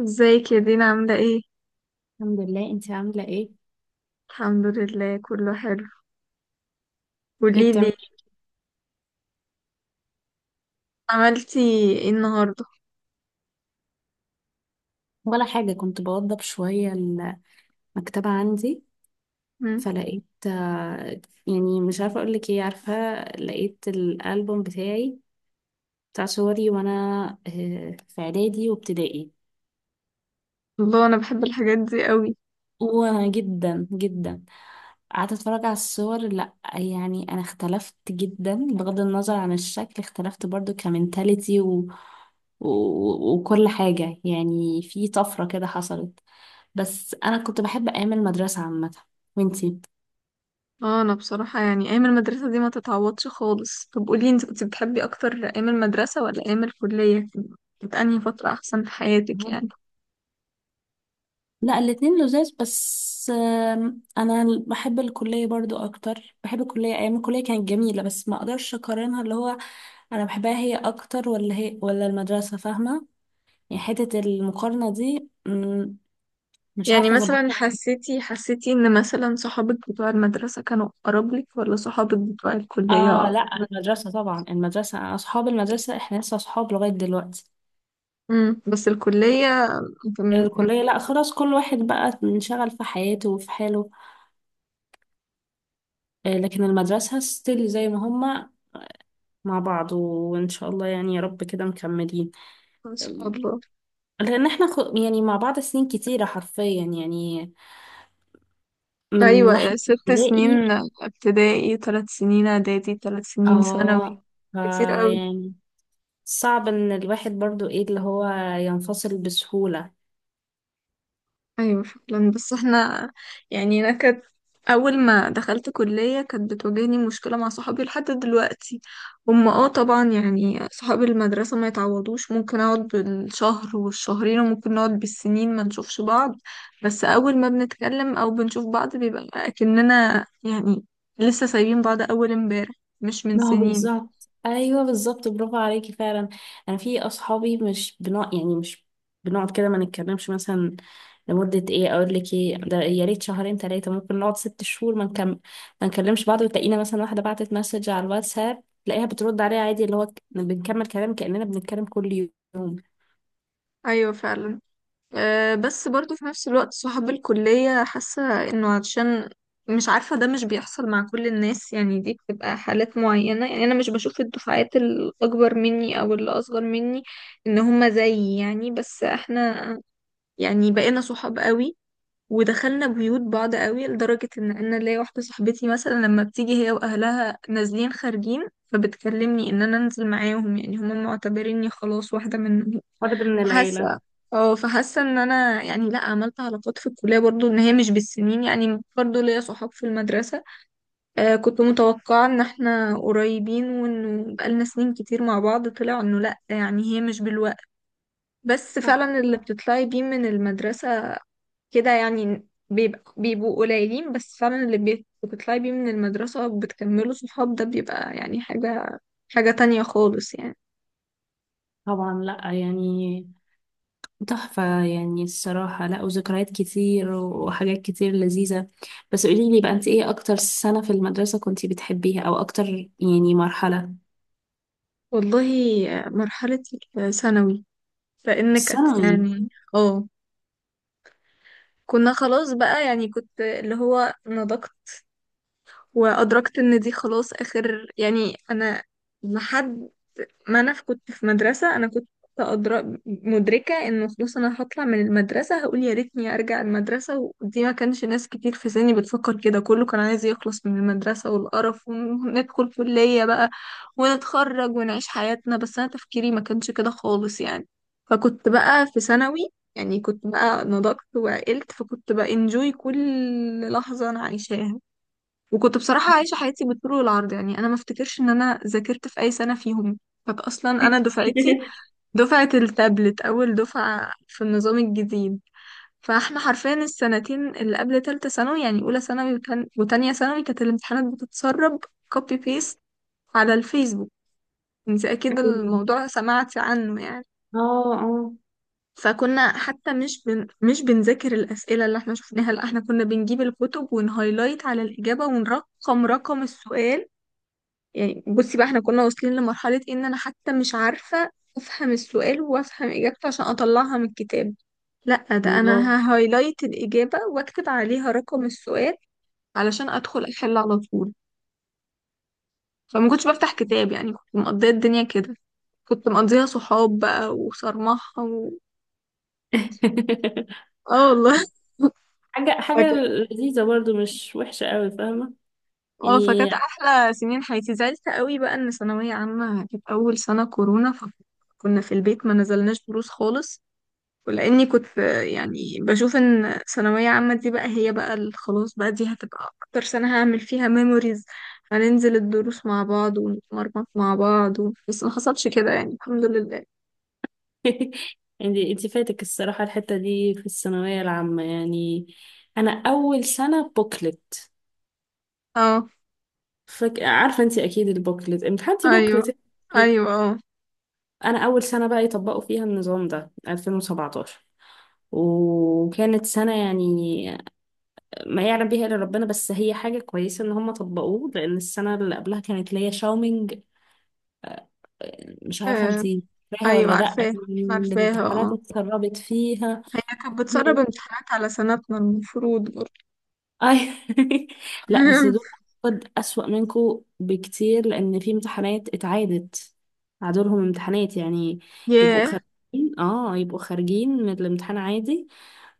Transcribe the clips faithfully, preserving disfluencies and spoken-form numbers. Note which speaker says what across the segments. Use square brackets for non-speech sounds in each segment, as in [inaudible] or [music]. Speaker 1: ازيك يا دينا، عاملة ايه؟
Speaker 2: الحمد لله. انت عاملة ايه؟
Speaker 1: الحمد لله، كله حلو.
Speaker 2: ايه
Speaker 1: قوليلي،
Speaker 2: بتعملي؟
Speaker 1: عملتي ايه النهاردة؟
Speaker 2: ولا حاجة، كنت بوضب شوية المكتبة عندي،
Speaker 1: مم.
Speaker 2: فلقيت آه، يعني مش عارفة اقولك ايه، عارفة، لقيت الألبوم بتاعي، بتاع صوري وانا آه، في اعدادي وابتدائي،
Speaker 1: الله، انا بحب الحاجات دي قوي.
Speaker 2: وجدا جدا جدا. قعدت اتفرج على الصور، لا يعني انا اختلفت جدا، بغض النظر عن الشكل اختلفت برضو كمنتاليتي و... و... وكل حاجة، يعني في طفرة كده حصلت. بس انا كنت بحب ايام المدرسة عامة. وانتي؟
Speaker 1: اه، انا بصراحة يعني ايام المدرسة دي ما تتعوضش خالص. طب قولي، انت كنت بتحبي اكتر ايام المدرسة ولا ايام الكلية؟ كانت انهي فترة احسن في حياتك
Speaker 2: مم.
Speaker 1: يعني؟
Speaker 2: لا الاتنين لذاذ، بس آم، انا بحب الكلية برضو اكتر، بحب الكلية، ايام الكلية كانت جميلة، بس ما اقدرش اقارنها، اللي هو انا بحبها هي اكتر، ولا هي ولا المدرسة، فاهمة يعني، حتة المقارنة دي مش
Speaker 1: يعني
Speaker 2: عارفة أظبط.
Speaker 1: مثلا حسيتي حسيتي ان مثلا صحابك بتوع المدرسة كانوا اقرب لك ولا صحابك بتوع الكلية؟
Speaker 2: آه لأ، المدرسة طبعا، المدرسة، أصحاب المدرسة إحنا لسه أصحاب لغاية دلوقتي.
Speaker 1: امم بس الكلية كان-
Speaker 2: الكلية لأ، خلاص كل واحد بقى منشغل في حياته وفي حاله. آه، لكن المدرسة ستيل زي ما هما، مع بعض، وإن شاء الله يعني يا رب كده مكملين.
Speaker 1: ما شاء الله.
Speaker 2: لأن إحنا خ- يعني مع بعض سنين كتيرة حرفيا يعني، من واحد
Speaker 1: أيوة،
Speaker 2: في
Speaker 1: ست
Speaker 2: ابتدائي.
Speaker 1: سنين ابتدائي، ثلاث سنين إعدادي، ثلاث سنين ثانوي.
Speaker 2: آه فا
Speaker 1: كتير قوي.
Speaker 2: يعني، صعب إن الواحد برضو إيه اللي هو ينفصل بسهولة.
Speaker 1: أيوة فعلا. بس احنا يعني، أنا كانت أول ما دخلت كلية كانت بتواجهني مشكلة مع صحابي لحد دلوقتي. هم، اه طبعا يعني صحاب المدرسة ما يتعوضوش، ممكن أقعد بالشهر والشهرين وممكن نقعد بالسنين ما نشوفش بعض، بس أول ما بنتكلم أو بنشوف بعض بيبقى أكننا يعني لسه سايبين بعض أول امبارح، مش من
Speaker 2: ما هو
Speaker 1: سنين.
Speaker 2: بالظبط، ايوه بالظبط، برافو عليكي فعلا. انا في اصحابي مش بنوع يعني، مش بنقعد كده ما نتكلمش مثلا لمده، ايه اقول لك ايه ده، يا ريت شهرين ثلاثه، ممكن نقعد ست شهور ما نكم... ما نكلمش بعض، وتلاقينا مثلا واحده بعتت مسج على الواتساب، تلاقيها بترد عليها عادي، اللي هو ك- بنكمل كلام كاننا بنتكلم كل يوم.
Speaker 1: أيوة فعلا. أه، بس برضو في نفس الوقت صحاب الكلية، حاسة انه عشان مش عارفة، ده مش بيحصل مع كل الناس يعني، دي بتبقى حالات معينة. يعني انا مش بشوف الدفعات الاكبر مني او اللي اصغر مني ان هما زيي. يعني بس احنا يعني بقينا صحاب قوي ودخلنا بيوت بعض قوي، لدرجة ان انا ليا واحدة صاحبتي مثلا لما بتيجي هي واهلها نازلين خارجين فبتكلمني ان انا انزل معاهم، يعني هما معتبريني خلاص واحدة منهم.
Speaker 2: فرد من
Speaker 1: فحاسه
Speaker 2: العيلة.
Speaker 1: اه فحاسه ان انا يعني لا، عملت علاقات في الكليه برضو، ان هي مش بالسنين، يعني برضو ليا صحاب في المدرسه. آه كنت متوقعه ان احنا قريبين وانه بقالنا سنين كتير مع بعض، طلع انه لا، يعني هي مش بالوقت. بس
Speaker 2: صح.
Speaker 1: فعلا اللي بتطلعي بيه من المدرسه كده يعني بيبقى بيبقوا قليلين، بس فعلا اللي بي- بتطلعي بيه من المدرسه وبتكملوا صحاب ده بيبقى يعني حاجه حاجه تانية خالص يعني.
Speaker 2: طبعا، لا يعني تحفة يعني الصراحة، لا وذكريات كتير وحاجات كتير لذيذة. بس قوليلي بقى انت، ايه اكتر سنة في المدرسة كنتي بتحبيها؟ او اكتر يعني مرحلة.
Speaker 1: والله، آه، مرحله الثانوي. فانك أت...
Speaker 2: الثانوي.
Speaker 1: يعني اه كنا خلاص بقى. يعني كنت اللي هو نضجت وادركت ان دي خلاص اخر. يعني انا لحد ما انا في- كنت في مدرسة، انا كنت أدرا... مدركة انه خلاص انا هطلع من المدرسة هقول يا ريتني ارجع المدرسة. ودي ما كانش ناس كتير في سني بتفكر كده، كله كان عايز يخلص من المدرسة والقرف وندخل كلية بقى ونتخرج ونعيش حياتنا. بس انا تفكيري ما كانش كده خالص يعني. فكنت بقى في ثانوي، يعني كنت بقى نضجت وعقلت فكنت بقى انجوي كل لحظة انا عايشاها. وكنت بصراحة عايشة حياتي بالطول والعرض، يعني أنا ما افتكرش إن أنا ذاكرت في أي سنة فيهم. كانت أصلا أنا دفعتي دفعة التابلت، أول دفعة في النظام الجديد. فاحنا حرفيا السنتين اللي قبل تالتة ثانوي، يعني أولى ثانوي وتان- وتانية ثانوي، كانت الامتحانات بتتسرب كوبي بيست على الفيسبوك. انت أكيد
Speaker 2: [laughs]
Speaker 1: الموضوع سمعتي عنه يعني.
Speaker 2: اه اه.
Speaker 1: فكنا حتى مش بن... مش بنذاكر الأسئلة اللي احنا شفناها، لا احنا كنا بنجيب الكتب ونهايلايت على الإجابة ونرقم رقم السؤال. يعني بصي بقى، احنا كنا واصلين لمرحلة إيه؟ ان انا حتى مش عارفة افهم السؤال وافهم اجابته عشان اطلعها من الكتاب. لا ده
Speaker 2: الله.
Speaker 1: انا ههايلايت الاجابة واكتب عليها رقم السؤال علشان ادخل احل على طول. فما كنتش بفتح كتاب يعني، كنت مقضية الدنيا كده، كنت مقضيها صحاب بقى وصرمحة و...
Speaker 2: [laughs]
Speaker 1: اه والله. [laughs]
Speaker 2: حاجة
Speaker 1: فك...
Speaker 2: حاجة لذيذة برضو، مش وحشة قوي، فاهمة
Speaker 1: اه
Speaker 2: يعني.
Speaker 1: فكانت احلى سنين حياتي. زعلت قوي بقى ان ثانوية عامة كانت اول سنة كورونا، فكنا في البيت ما نزلناش دروس خالص. ولاني كنت في- يعني بشوف ان ثانويه عامه دي بقى هي بقى ال- خلاص بقى دي هتبقى اكتر سنه هعمل فيها ميموريز، هننزل الدروس مع بعض ونتمرمط مع بعض و... بس ما حصلش كده يعني الحمد لله.
Speaker 2: [laughs] انت انت فاتك الصراحة الحتة دي في الثانوية العامة يعني. انا اول سنة بوكلت.
Speaker 1: اه.
Speaker 2: فك... عارفة، انت اكيد البوكلت امتحنتي
Speaker 1: ايوه.
Speaker 2: بوكلت.
Speaker 1: ايوه، اه.
Speaker 2: انا اول سنه بقى يطبقوا فيها النظام ده ألفين وسبعتاشر، وكانت سنه يعني ما يعلم بيها الا ربنا، بس هي حاجه كويسه ان هم طبقوه، لان السنه اللي قبلها كانت ليا شاومينج. مش عارفه
Speaker 1: آه،
Speaker 2: انتي فاكراها ولا
Speaker 1: ايوه.
Speaker 2: لا،
Speaker 1: عارفاها، عارفاها
Speaker 2: الامتحانات
Speaker 1: اه.
Speaker 2: اتسربت فيها.
Speaker 1: هي كانت بتسرب امتحانات على سنتنا المفروض برضه.
Speaker 2: اي. [laughs] لا بس دول
Speaker 1: [laughs]
Speaker 2: قد اسوأ منكو بكتير، لان في امتحانات اتعادت، عادولهم امتحانات يعني، يبقوا
Speaker 1: ياه.
Speaker 2: خارجين، اه يبقوا خارجين من الامتحان عادي.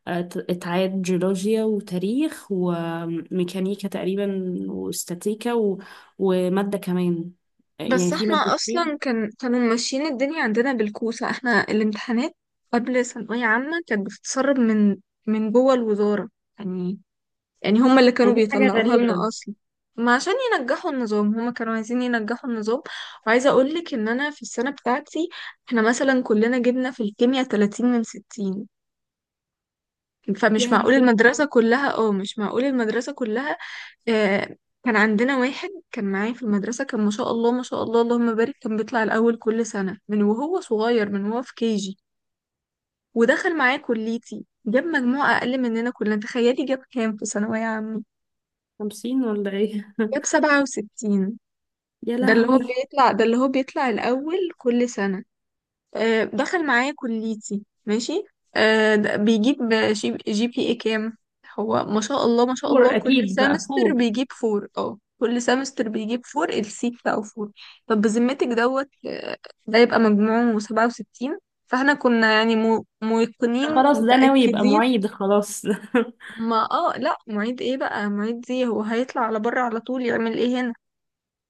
Speaker 2: ات- اتعاد جيولوجيا وتاريخ وميكانيكا تقريبا واستاتيكا و... ومادة كمان،
Speaker 1: بس
Speaker 2: يعني في
Speaker 1: احنا اصلا
Speaker 2: مادتين.
Speaker 1: كان كانوا ماشيين الدنيا عندنا بالكوسة. احنا الامتحانات قبل ثانوية عامة كانت بتتسرب من من جوه الوزارة يعني يعني هما اللي كانوا
Speaker 2: يعني دي حاجة
Speaker 1: بيطلعوها لنا
Speaker 2: غريبة.
Speaker 1: اصلا. ما عشان ينجحوا النظام، هما كانوا عايزين ينجحوا النظام. وعايزة اقولك ان انا في السنة بتاعتي، احنا مثلا كلنا جبنا في الكيمياء ثلاثين من ستين.
Speaker 2: يا
Speaker 1: فمش معقول
Speaker 2: لهوي.
Speaker 1: المدرسة كلها، اه مش معقول المدرسة كلها. آه، كان عندنا واحد كان معايا في المدرسة، كان ما شاء الله ما شاء الله اللهم بارك، كان بيطلع الأول كل سنة من وهو صغير، من وهو في كيجي. ودخل معايا كليتي، جاب مجموعة أقل مننا كلنا. تخيلي جاب كام في ثانوية عامة؟
Speaker 2: خمسين ولا ايه؟
Speaker 1: جاب سبعة وستين.
Speaker 2: [laughs] يا
Speaker 1: ده اللي هو
Speaker 2: لهوي.
Speaker 1: بيطلع ده اللي هو بيطلع الأول كل سنة. آه، دخل معايا كليتي ماشي. آه، د- بيجيب شي- جي بي اي كام؟ هو ما شاء الله ما شاء الله
Speaker 2: فور
Speaker 1: كل
Speaker 2: اكيد بقى
Speaker 1: سمستر
Speaker 2: فور.
Speaker 1: بيجيب فور. اه كل سمستر بيجيب فور، السي بتاعه فور. طب بذمتك دوت آه، ده يبقى مجموعه سبعة وستين؟ فاحنا كنا يعني مو-
Speaker 2: ده
Speaker 1: موقنين
Speaker 2: خلاص ده ناوي يبقى
Speaker 1: متأكدين.
Speaker 2: معيد خلاص.
Speaker 1: ما اه لا معيد ايه بقى معيد؟ دي هو هيطلع على بره على طول، يعمل ايه هنا؟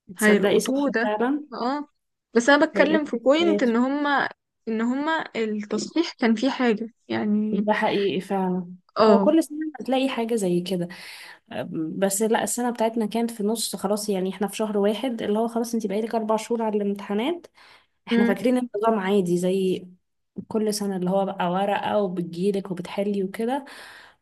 Speaker 2: [laughs] تصدقي صح
Speaker 1: هيلقطوه ده.
Speaker 2: فعلا.
Speaker 1: اه، بس انا
Speaker 2: هيئة
Speaker 1: بتكلم في بوينت
Speaker 2: حياته.
Speaker 1: ان هما، ان هما التصحيح كان فيه حاجة يعني.
Speaker 2: ده حقيقي فعلا. هو
Speaker 1: اه.
Speaker 2: كل سنة هتلاقي حاجة زي كده، بس لا السنة بتاعتنا كانت في النص خلاص يعني، احنا في شهر واحد اللي هو خلاص، انتي بقيتك اربع شهور على الامتحانات، احنا
Speaker 1: مم.
Speaker 2: فاكرين النظام عادي زي كل سنة، اللي هو بقى ورقة وبتجيلك وبتحلي وكده.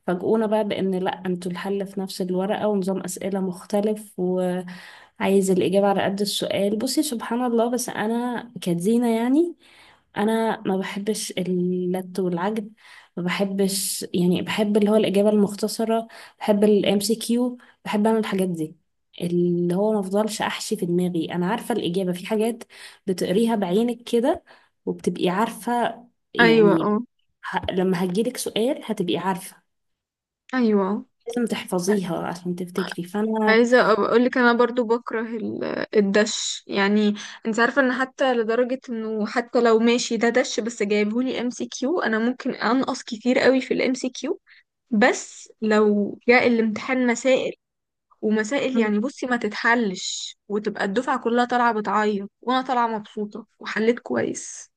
Speaker 2: فاجئونا بقى بأن لأ، انتوا الحل في نفس الورقة، ونظام أسئلة مختلف، وعايز الإجابة على قد السؤال. بصي سبحان الله، بس أنا كدينا يعني، أنا ما بحبش اللت والعجب، ما بحبش يعني، بحب اللي هو الإجابة المختصرة، بحب الام سي كيو، بحب أنا الحاجات دي، اللي هو ما افضلش احشي في دماغي، انا عارفه الاجابه، في حاجات بتقريها بعينك كده وبتبقي عارفة
Speaker 1: ايوه
Speaker 2: يعني،
Speaker 1: اه.
Speaker 2: ه... لما هجيلك سؤال هتبقي عارفة،
Speaker 1: ايوه آه.
Speaker 2: لازم تحفظيها عشان تفتكري، فأنا.
Speaker 1: عايزة أبقى اقول لك انا برضو بكره ال- الدش يعني. انت عارفة ان حتى لدرجة انه حتى لو ماشي ده دش بس جايبهولي ام سي كيو، انا ممكن انقص كتير قوي في الام سي كيو. بس لو جاء الامتحان مسائل ومسائل، يعني بصي ما تتحلش وتبقى الدفعة كلها طالعة بتعيط وانا طالعة مبسوطة وحليت كويس.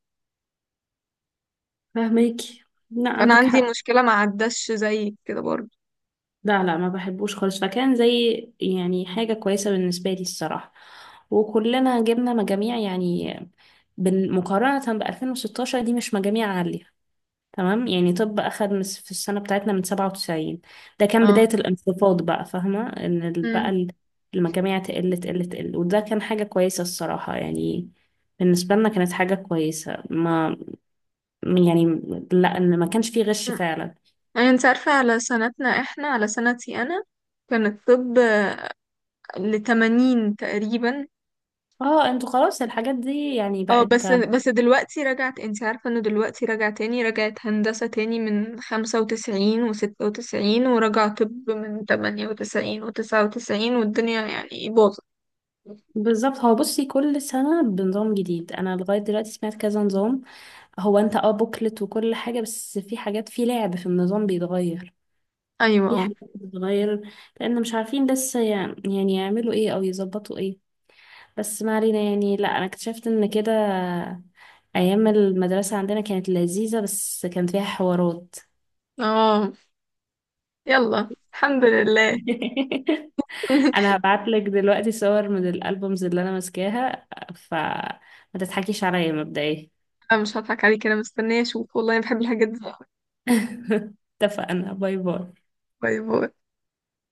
Speaker 2: فاهماكي. لا
Speaker 1: فانا
Speaker 2: عندك
Speaker 1: عندي
Speaker 2: حق.
Speaker 1: مشكلة ما عداش زيك كده برضه.
Speaker 2: لا لا ما بحبوش خالص، فكان زي يعني حاجة كويسة بالنسبة لي الصراحة، وكلنا جبنا مجاميع يعني، بن- مقارنة ب ألفين وستاشر، دي مش مجاميع عالية تمام يعني، طب أخد من- في السنة بتاعتنا من سبعة وتسعين، ده كان
Speaker 1: اه.
Speaker 2: بداية الانخفاض بقى، فاهمة إن ال- بقى
Speaker 1: امم
Speaker 2: ال- المجاميع تقل تقل تقل، وده كان حاجة كويسة الصراحة يعني، بالنسبة لنا كانت حاجة كويسة، ما يعني، لا إن ما كانش فيه غش فعلا.
Speaker 1: يعني انت عارفة على سنتنا، احنا على سنتي انا كان الطب لتمانين تقريبا.
Speaker 2: اه انتوا خلاص الحاجات دي يعني
Speaker 1: اه،
Speaker 2: بقت.
Speaker 1: بس بس دلوقتي رجعت، انت عارفة انه دلوقتي رجع تاني، رجعت هندسة تاني من خمسة وتسعين وستة وتسعين ورجع طب من تمانية وتسعين وتسعة وتسعين، والدنيا يعني باظت.
Speaker 2: بالظبط، هو بصي كل سنة بنظام جديد، انا لغاية دلوقتي سمعت كذا نظام، هو انت اه بوكلت وكل حاجة، بس في حاجات في لعب في النظام بيتغير،
Speaker 1: ايوه،
Speaker 2: في
Speaker 1: اه،
Speaker 2: حاجات بتتغير، لأن مش عارفين لسه يع- يعني يعملوا ايه أو يظبطوا ايه. بس ما علينا يعني، لا أنا اكتشفت إن كده أيام المدرسة عندنا كانت لذيذة، بس كان فيها حوارات.
Speaker 1: اه. يلا الحمد لله.
Speaker 2: [laughs]
Speaker 1: [laughs]
Speaker 2: أنا هبعتلك دلوقتي صور من الألبومز اللي أنا ماسكاها، فما تضحكيش عليا مبدئيا.
Speaker 1: لا مش هضحك عليك، انا مستنيه اشوف والله، انا بحب الحاجات دي.
Speaker 2: [laughs] اتفقنا، باي باي.
Speaker 1: باي باي.